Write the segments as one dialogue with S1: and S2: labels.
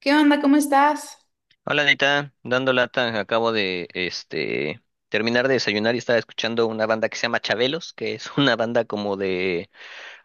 S1: ¿Qué onda? ¿Cómo estás?
S2: Hola Anita, dando lata, acabo de terminar de desayunar y estaba escuchando una banda que se llama Chabelos, que es una banda como de...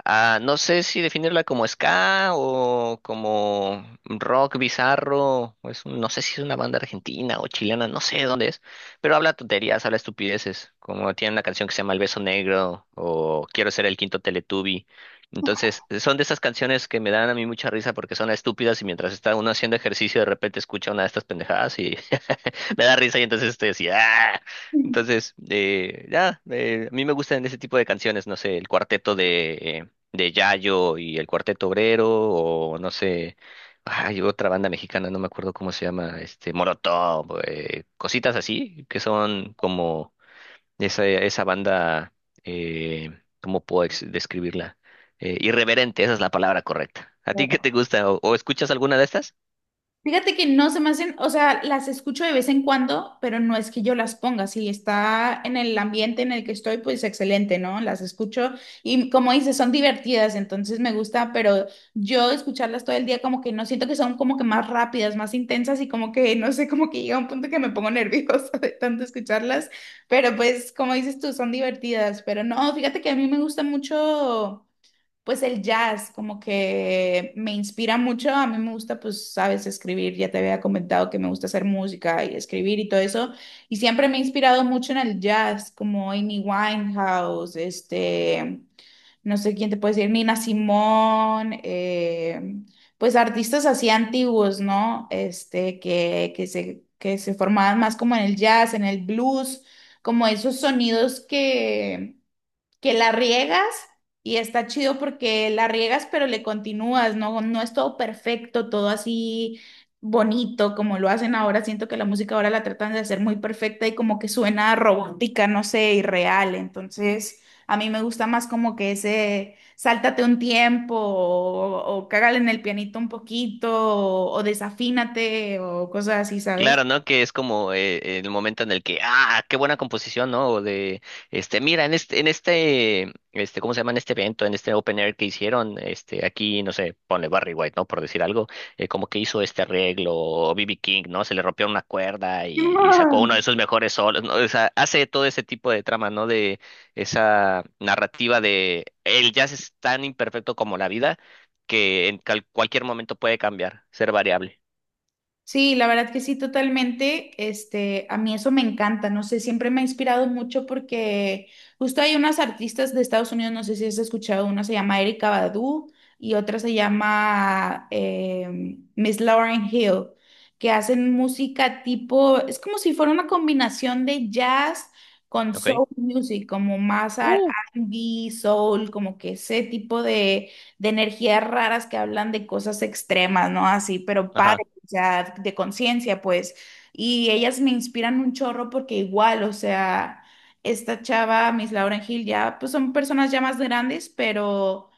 S2: No sé si definirla como ska o como rock bizarro, o no sé si es una banda argentina o chilena, no sé dónde es, pero habla tonterías, habla estupideces, como tiene una canción que se llama El Beso Negro o Quiero ser el quinto Teletubby. Entonces, son de esas canciones que me dan a mí mucha risa porque son estúpidas y mientras está uno haciendo ejercicio de repente escucha una de estas pendejadas y me da risa y entonces estoy así, ¡ah! Entonces, a mí me gustan ese tipo de canciones, no sé, el cuarteto de Yayo y el cuarteto obrero, o no sé, hay otra banda mexicana, no me acuerdo cómo se llama, Molotov, cositas así, que son como esa banda, eh, ¿cómo puedo describirla? Irreverente, esa es la palabra correcta. ¿A ti qué te gusta? O escuchas alguna de estas?
S1: Fíjate que no se me hacen, o sea, las escucho de vez en cuando, pero no es que yo las ponga. Si está en el ambiente en el que estoy, pues excelente, ¿no? Las escucho y como dices, son divertidas, entonces me gusta, pero yo escucharlas todo el día como que no siento que son como que más rápidas, más intensas y como que, no sé, como que llega un punto que me pongo nerviosa de tanto escucharlas, pero pues como dices tú, son divertidas, pero no, fíjate que a mí me gusta mucho. Pues el jazz como que me inspira mucho, a mí me gusta pues, sabes, escribir, ya te había comentado que me gusta hacer música y escribir y todo eso, y siempre me he inspirado mucho en el jazz, como Amy Winehouse, no sé quién te puede decir, Nina Simone, pues artistas así antiguos, ¿no? Que se formaban más como en el jazz, en el blues, como esos sonidos que la riegas, y está chido porque la riegas, pero le continúas, no, no es todo perfecto, todo así bonito como lo hacen ahora. Siento que la música ahora la tratan de hacer muy perfecta y como que suena robótica, no sé, irreal. Entonces, a mí me gusta más como que ese sáltate un tiempo o cágale en el pianito un poquito o desafínate o cosas así, ¿sabes?
S2: Claro, ¿no? Que es como el momento en el que, ah, qué buena composición, ¿no? O de, este, mira, en este, este, ¿cómo se llama? En este evento, en este open air que hicieron, aquí, no sé, ponle Barry White, ¿no? Por decir algo, como que hizo este arreglo, o B.B. King, ¿no? Se le rompió una cuerda y sacó uno
S1: Simón.
S2: de sus mejores solos, ¿no? O sea, hace todo ese tipo de trama, ¿no? De esa narrativa de el jazz es tan imperfecto como la vida que en cualquier momento puede cambiar, ser variable.
S1: Sí, la verdad que sí, totalmente. Este, a mí eso me encanta, no sé, siempre me ha inspirado mucho porque justo hay unas artistas de Estados Unidos, no sé si has escuchado, una se llama Erika Badu y otra se llama Miss Lauren Hill, que hacen música tipo, es como si fuera una combinación de jazz con
S2: ¿Ok?
S1: soul music, como más
S2: Uh,
S1: R&B, soul, como que ese tipo de energías raras que hablan de cosas extremas, ¿no? Así, pero padre
S2: ajá.
S1: sea, de conciencia, pues. Y ellas me inspiran un chorro porque igual, o sea, esta chava, Miss Lauren Hill, ya, pues son personas ya más grandes, pero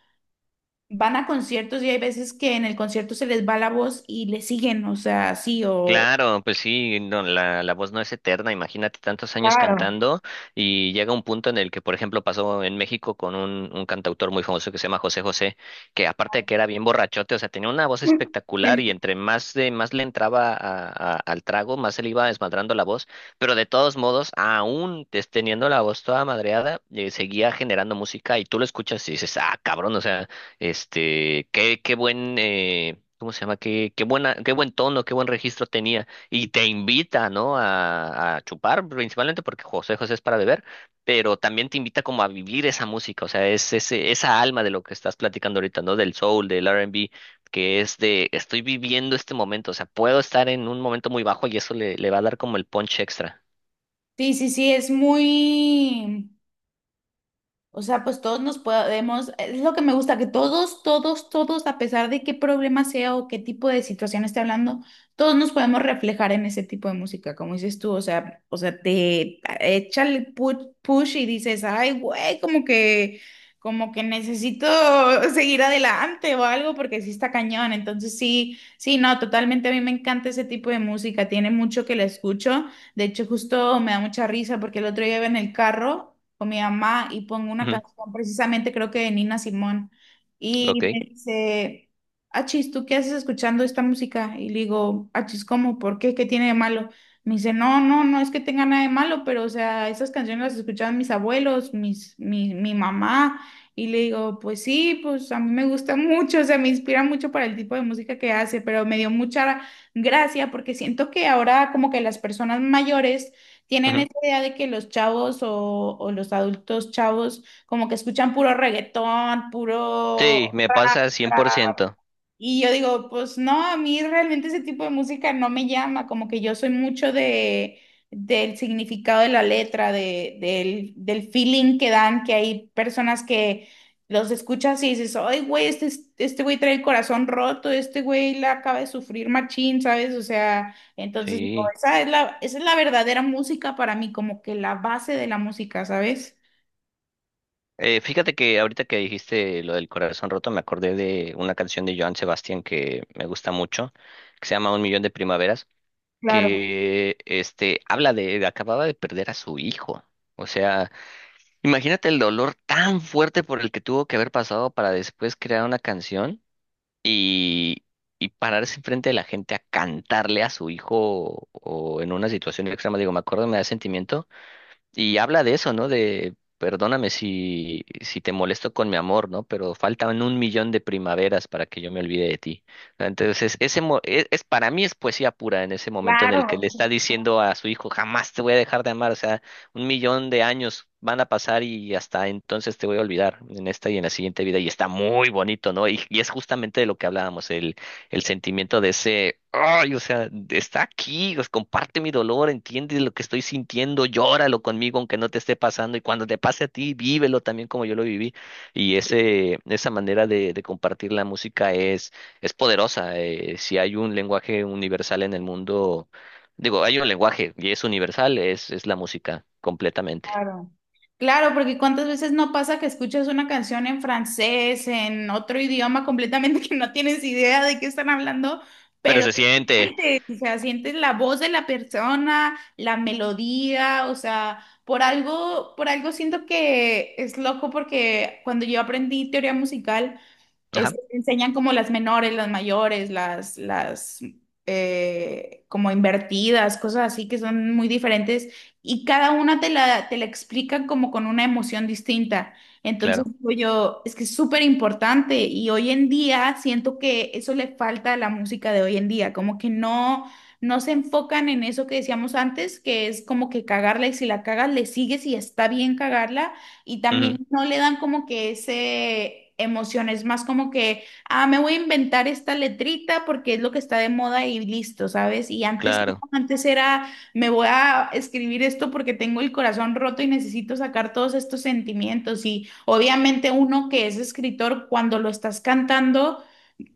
S1: van a conciertos y hay veces que en el concierto se les va la voz y le siguen, o sea, sí, o...
S2: Claro, pues sí, no, la voz no es eterna, imagínate tantos años
S1: Claro.
S2: cantando y llega un punto en el que, por ejemplo, pasó en México con un cantautor muy famoso que se llama José José, que aparte de que era bien borrachote, o sea, tenía una voz espectacular y entre más le entraba al trago, más se le iba desmadrando la voz, pero de todos modos, aún teniendo la voz toda madreada, seguía generando música y tú lo escuchas y dices, ah, cabrón, o sea, qué buen... ¿Cómo se llama? Qué, qué buena, qué buen tono, qué buen registro tenía. Y te invita, ¿no? A chupar, principalmente porque José José es para beber, pero también te invita como a vivir esa música, o sea, es esa alma de lo que estás platicando ahorita, ¿no? Del soul, del R&B, que es de, estoy viviendo este momento, o sea, puedo estar en un momento muy bajo y eso le va a dar como el punch extra.
S1: Sí, sí, sí, es muy, o sea, pues todos nos podemos, es lo que me gusta, que todos, todos, todos, a pesar de qué problema sea o qué tipo de situación esté hablando, todos nos podemos reflejar en ese tipo de música, como dices tú, o sea, te echa el push, y dices, ay, güey, como que necesito seguir adelante o algo, porque sí está cañón, entonces sí, sí, no, totalmente a mí me encanta ese tipo de música, tiene mucho que la escucho, de hecho justo me da mucha risa porque el otro día iba en el carro con mi mamá y pongo una
S2: Ujú.
S1: canción precisamente creo que de Nina Simón y me
S2: Ok.
S1: dice: Achis, ¿tú qué haces escuchando esta música? Y le digo: Achis, ¿cómo? ¿Por qué? ¿Qué tiene de malo? Me dice: no, no, no es que tenga nada de malo, pero o sea, esas canciones las escuchaban mis abuelos, mi mamá. Y le digo: pues sí, pues a mí me gusta mucho, o sea, me inspira mucho para el tipo de música que hace, pero me dio mucha gracia porque siento que ahora como que las personas mayores tienen
S2: Ujú.
S1: esa idea de que los chavos o los adultos chavos como que escuchan puro reggaetón,
S2: Sí,
S1: puro,
S2: me pasa cien por ciento.
S1: y yo digo, pues no, a mí realmente ese tipo de música no me llama, como que yo soy mucho de del significado de la letra, del feeling que dan, que hay personas que los escuchas y dices, ay, güey, este güey trae el corazón roto, este güey la acaba de sufrir machín, ¿sabes? O sea, entonces, no,
S2: Sí.
S1: esa es la verdadera música para mí, como que la base de la música, ¿sabes?
S2: Fíjate que ahorita que dijiste lo del corazón roto, me acordé de una canción de Joan Sebastián que me gusta mucho, que se llama Un millón de primaveras,
S1: Claro,
S2: que habla de acababa de perder a su hijo. O sea, imagínate el dolor tan fuerte por el que tuvo que haber pasado para después crear una canción y, y pararse enfrente de la gente a cantarle a su hijo o en una situación extrema. Digo, me acuerdo, me da sentimiento y habla de eso, ¿no? De, perdóname si te molesto con mi amor, ¿no? Pero faltan un millón de primaveras para que yo me olvide de ti. Entonces, ese es, para mí es poesía pura en ese momento en el que le
S1: claro.
S2: está diciendo a su hijo, jamás te voy a dejar de amar. O sea, un millón de años van a pasar y hasta entonces te voy a olvidar en esta y en la siguiente vida. Y está muy bonito, ¿no? Y es justamente de lo que hablábamos, el sentimiento de ese, ay, o sea, está aquí, pues, comparte mi dolor, entiende lo que estoy sintiendo, llóralo conmigo aunque no te esté pasando y cuando te pase a ti, vívelo también como yo lo viví. Esa manera de compartir la música es poderosa. Si hay un lenguaje universal en el mundo, digo, hay un lenguaje y es universal, es la música completamente.
S1: Claro. Claro, porque cuántas veces no pasa que escuchas una canción en francés, en otro idioma completamente que no tienes idea de qué están hablando,
S2: Pero
S1: pero
S2: se siente.
S1: sientes, o sea, sientes la voz de la persona, la melodía, o sea, por algo siento que es loco porque cuando yo aprendí teoría musical
S2: Ajá,
S1: te enseñan como las menores, las mayores, las como invertidas, cosas así que son muy diferentes y cada una te la explican como con una emoción distinta. Entonces
S2: claro.
S1: digo yo, es que es súper importante y hoy en día siento que eso le falta a la música de hoy en día, como que no, no se enfocan en eso que decíamos antes, que es como que cagarla y si la cagas le sigues y está bien cagarla y
S2: Ujú,
S1: también no le dan como que ese emoción, es más como que, ah, me voy a inventar esta letrita porque es lo que está de moda y listo, ¿sabes? Y antes, no,
S2: claro.
S1: antes era, me voy a escribir esto porque tengo el corazón roto y necesito sacar todos estos sentimientos y obviamente uno que es escritor, cuando lo estás cantando,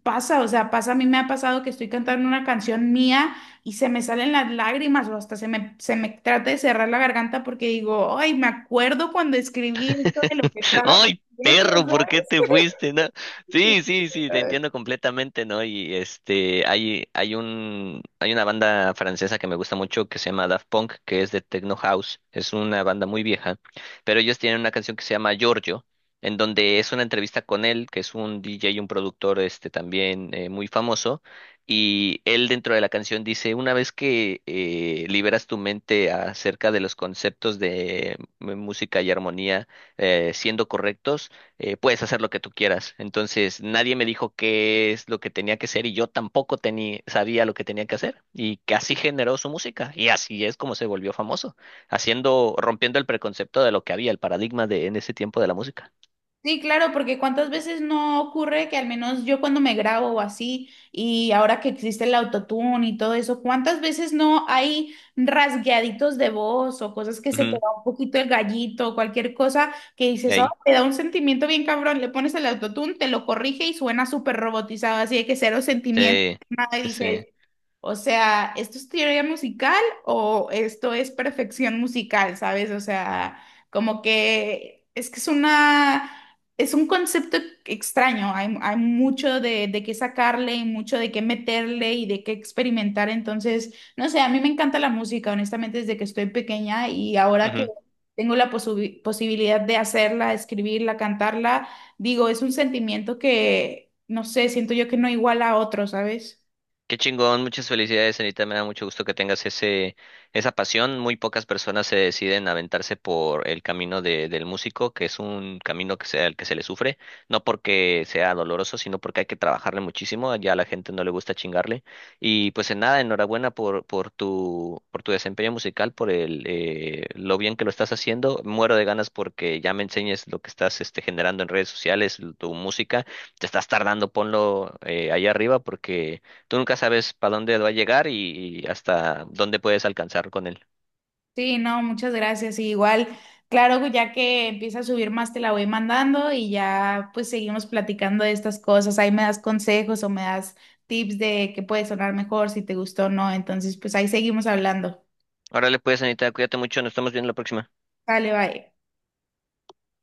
S1: pasa, o sea, pasa, a mí me ha pasado que estoy cantando una canción mía y se me salen las lágrimas o hasta se me trata de cerrar la garganta porque digo, ay, me acuerdo cuando escribí esto de lo que estaba
S2: Ay,
S1: sintiendo,
S2: perro, ¿por qué
S1: ¿sabes?
S2: te fuiste? No. Sí, sí, sí, te entiendo completamente, ¿no? Y este, hay una banda francesa que me gusta mucho que se llama Daft Punk, que es de Techno House. Es una banda muy vieja, pero ellos tienen una canción que se llama Giorgio, en donde es una entrevista con él, que es un DJ y un productor, este, también muy famoso. Y él dentro de la canción dice, una vez que liberas tu mente acerca de los conceptos de música y armonía, siendo correctos, puedes hacer lo que tú quieras. Entonces, nadie me dijo qué es lo que tenía que hacer y yo tampoco tenía, sabía lo que tenía que hacer. Y que así generó su música y así es como se volvió famoso, haciendo, rompiendo el preconcepto de lo que había, el paradigma de en ese tiempo de la música.
S1: Sí, claro, porque cuántas veces no ocurre que al menos yo cuando me grabo o así, y ahora que existe el autotune y todo eso, cuántas veces no hay rasgueaditos de voz o cosas que se te
S2: Ujú.
S1: va un poquito el gallito o cualquier cosa que dices, "Ah,
S2: Ahí,
S1: te da un sentimiento bien cabrón, le pones el autotune, te lo corrige y suena súper robotizado, así de que cero sentimiento,
S2: sí,
S1: nada, y
S2: sí, sí.
S1: dices, o sea, ¿esto es teoría musical o esto es perfección musical, sabes? O sea, como que es una, es un concepto extraño. Hay mucho de qué sacarle y mucho de qué meterle y de qué experimentar. Entonces, no sé, a mí me encanta la música, honestamente, desde que estoy pequeña y ahora que
S2: Ujú.
S1: tengo la posibilidad de hacerla, escribirla, cantarla, digo, es un sentimiento que, no sé, siento yo que no iguala a otro, ¿sabes?
S2: Qué chingón, muchas felicidades, Anita. Me da mucho gusto que tengas esa pasión. Muy pocas personas se deciden a aventarse por el camino del músico, que es un camino que sea el que se le sufre, no porque sea doloroso, sino porque hay que trabajarle muchísimo. Ya a la gente no le gusta chingarle. Y pues en nada, enhorabuena por tu desempeño musical, por el, lo bien que lo estás haciendo. Muero de ganas porque ya me enseñes lo que estás generando en redes sociales, tu música. Te estás tardando, ponlo ahí arriba porque tú nunca sabes para dónde va a llegar y hasta dónde puedes alcanzar con él.
S1: Sí, no, muchas gracias. Y igual, claro, ya que empieza a subir más, te la voy mandando y ya pues seguimos platicando de estas cosas. Ahí me das consejos o me das tips de qué puede sonar mejor, si te gustó o no. Entonces, pues ahí seguimos hablando.
S2: Órale, pues, Anita, cuídate mucho, nos estamos viendo la próxima.
S1: Dale, bye.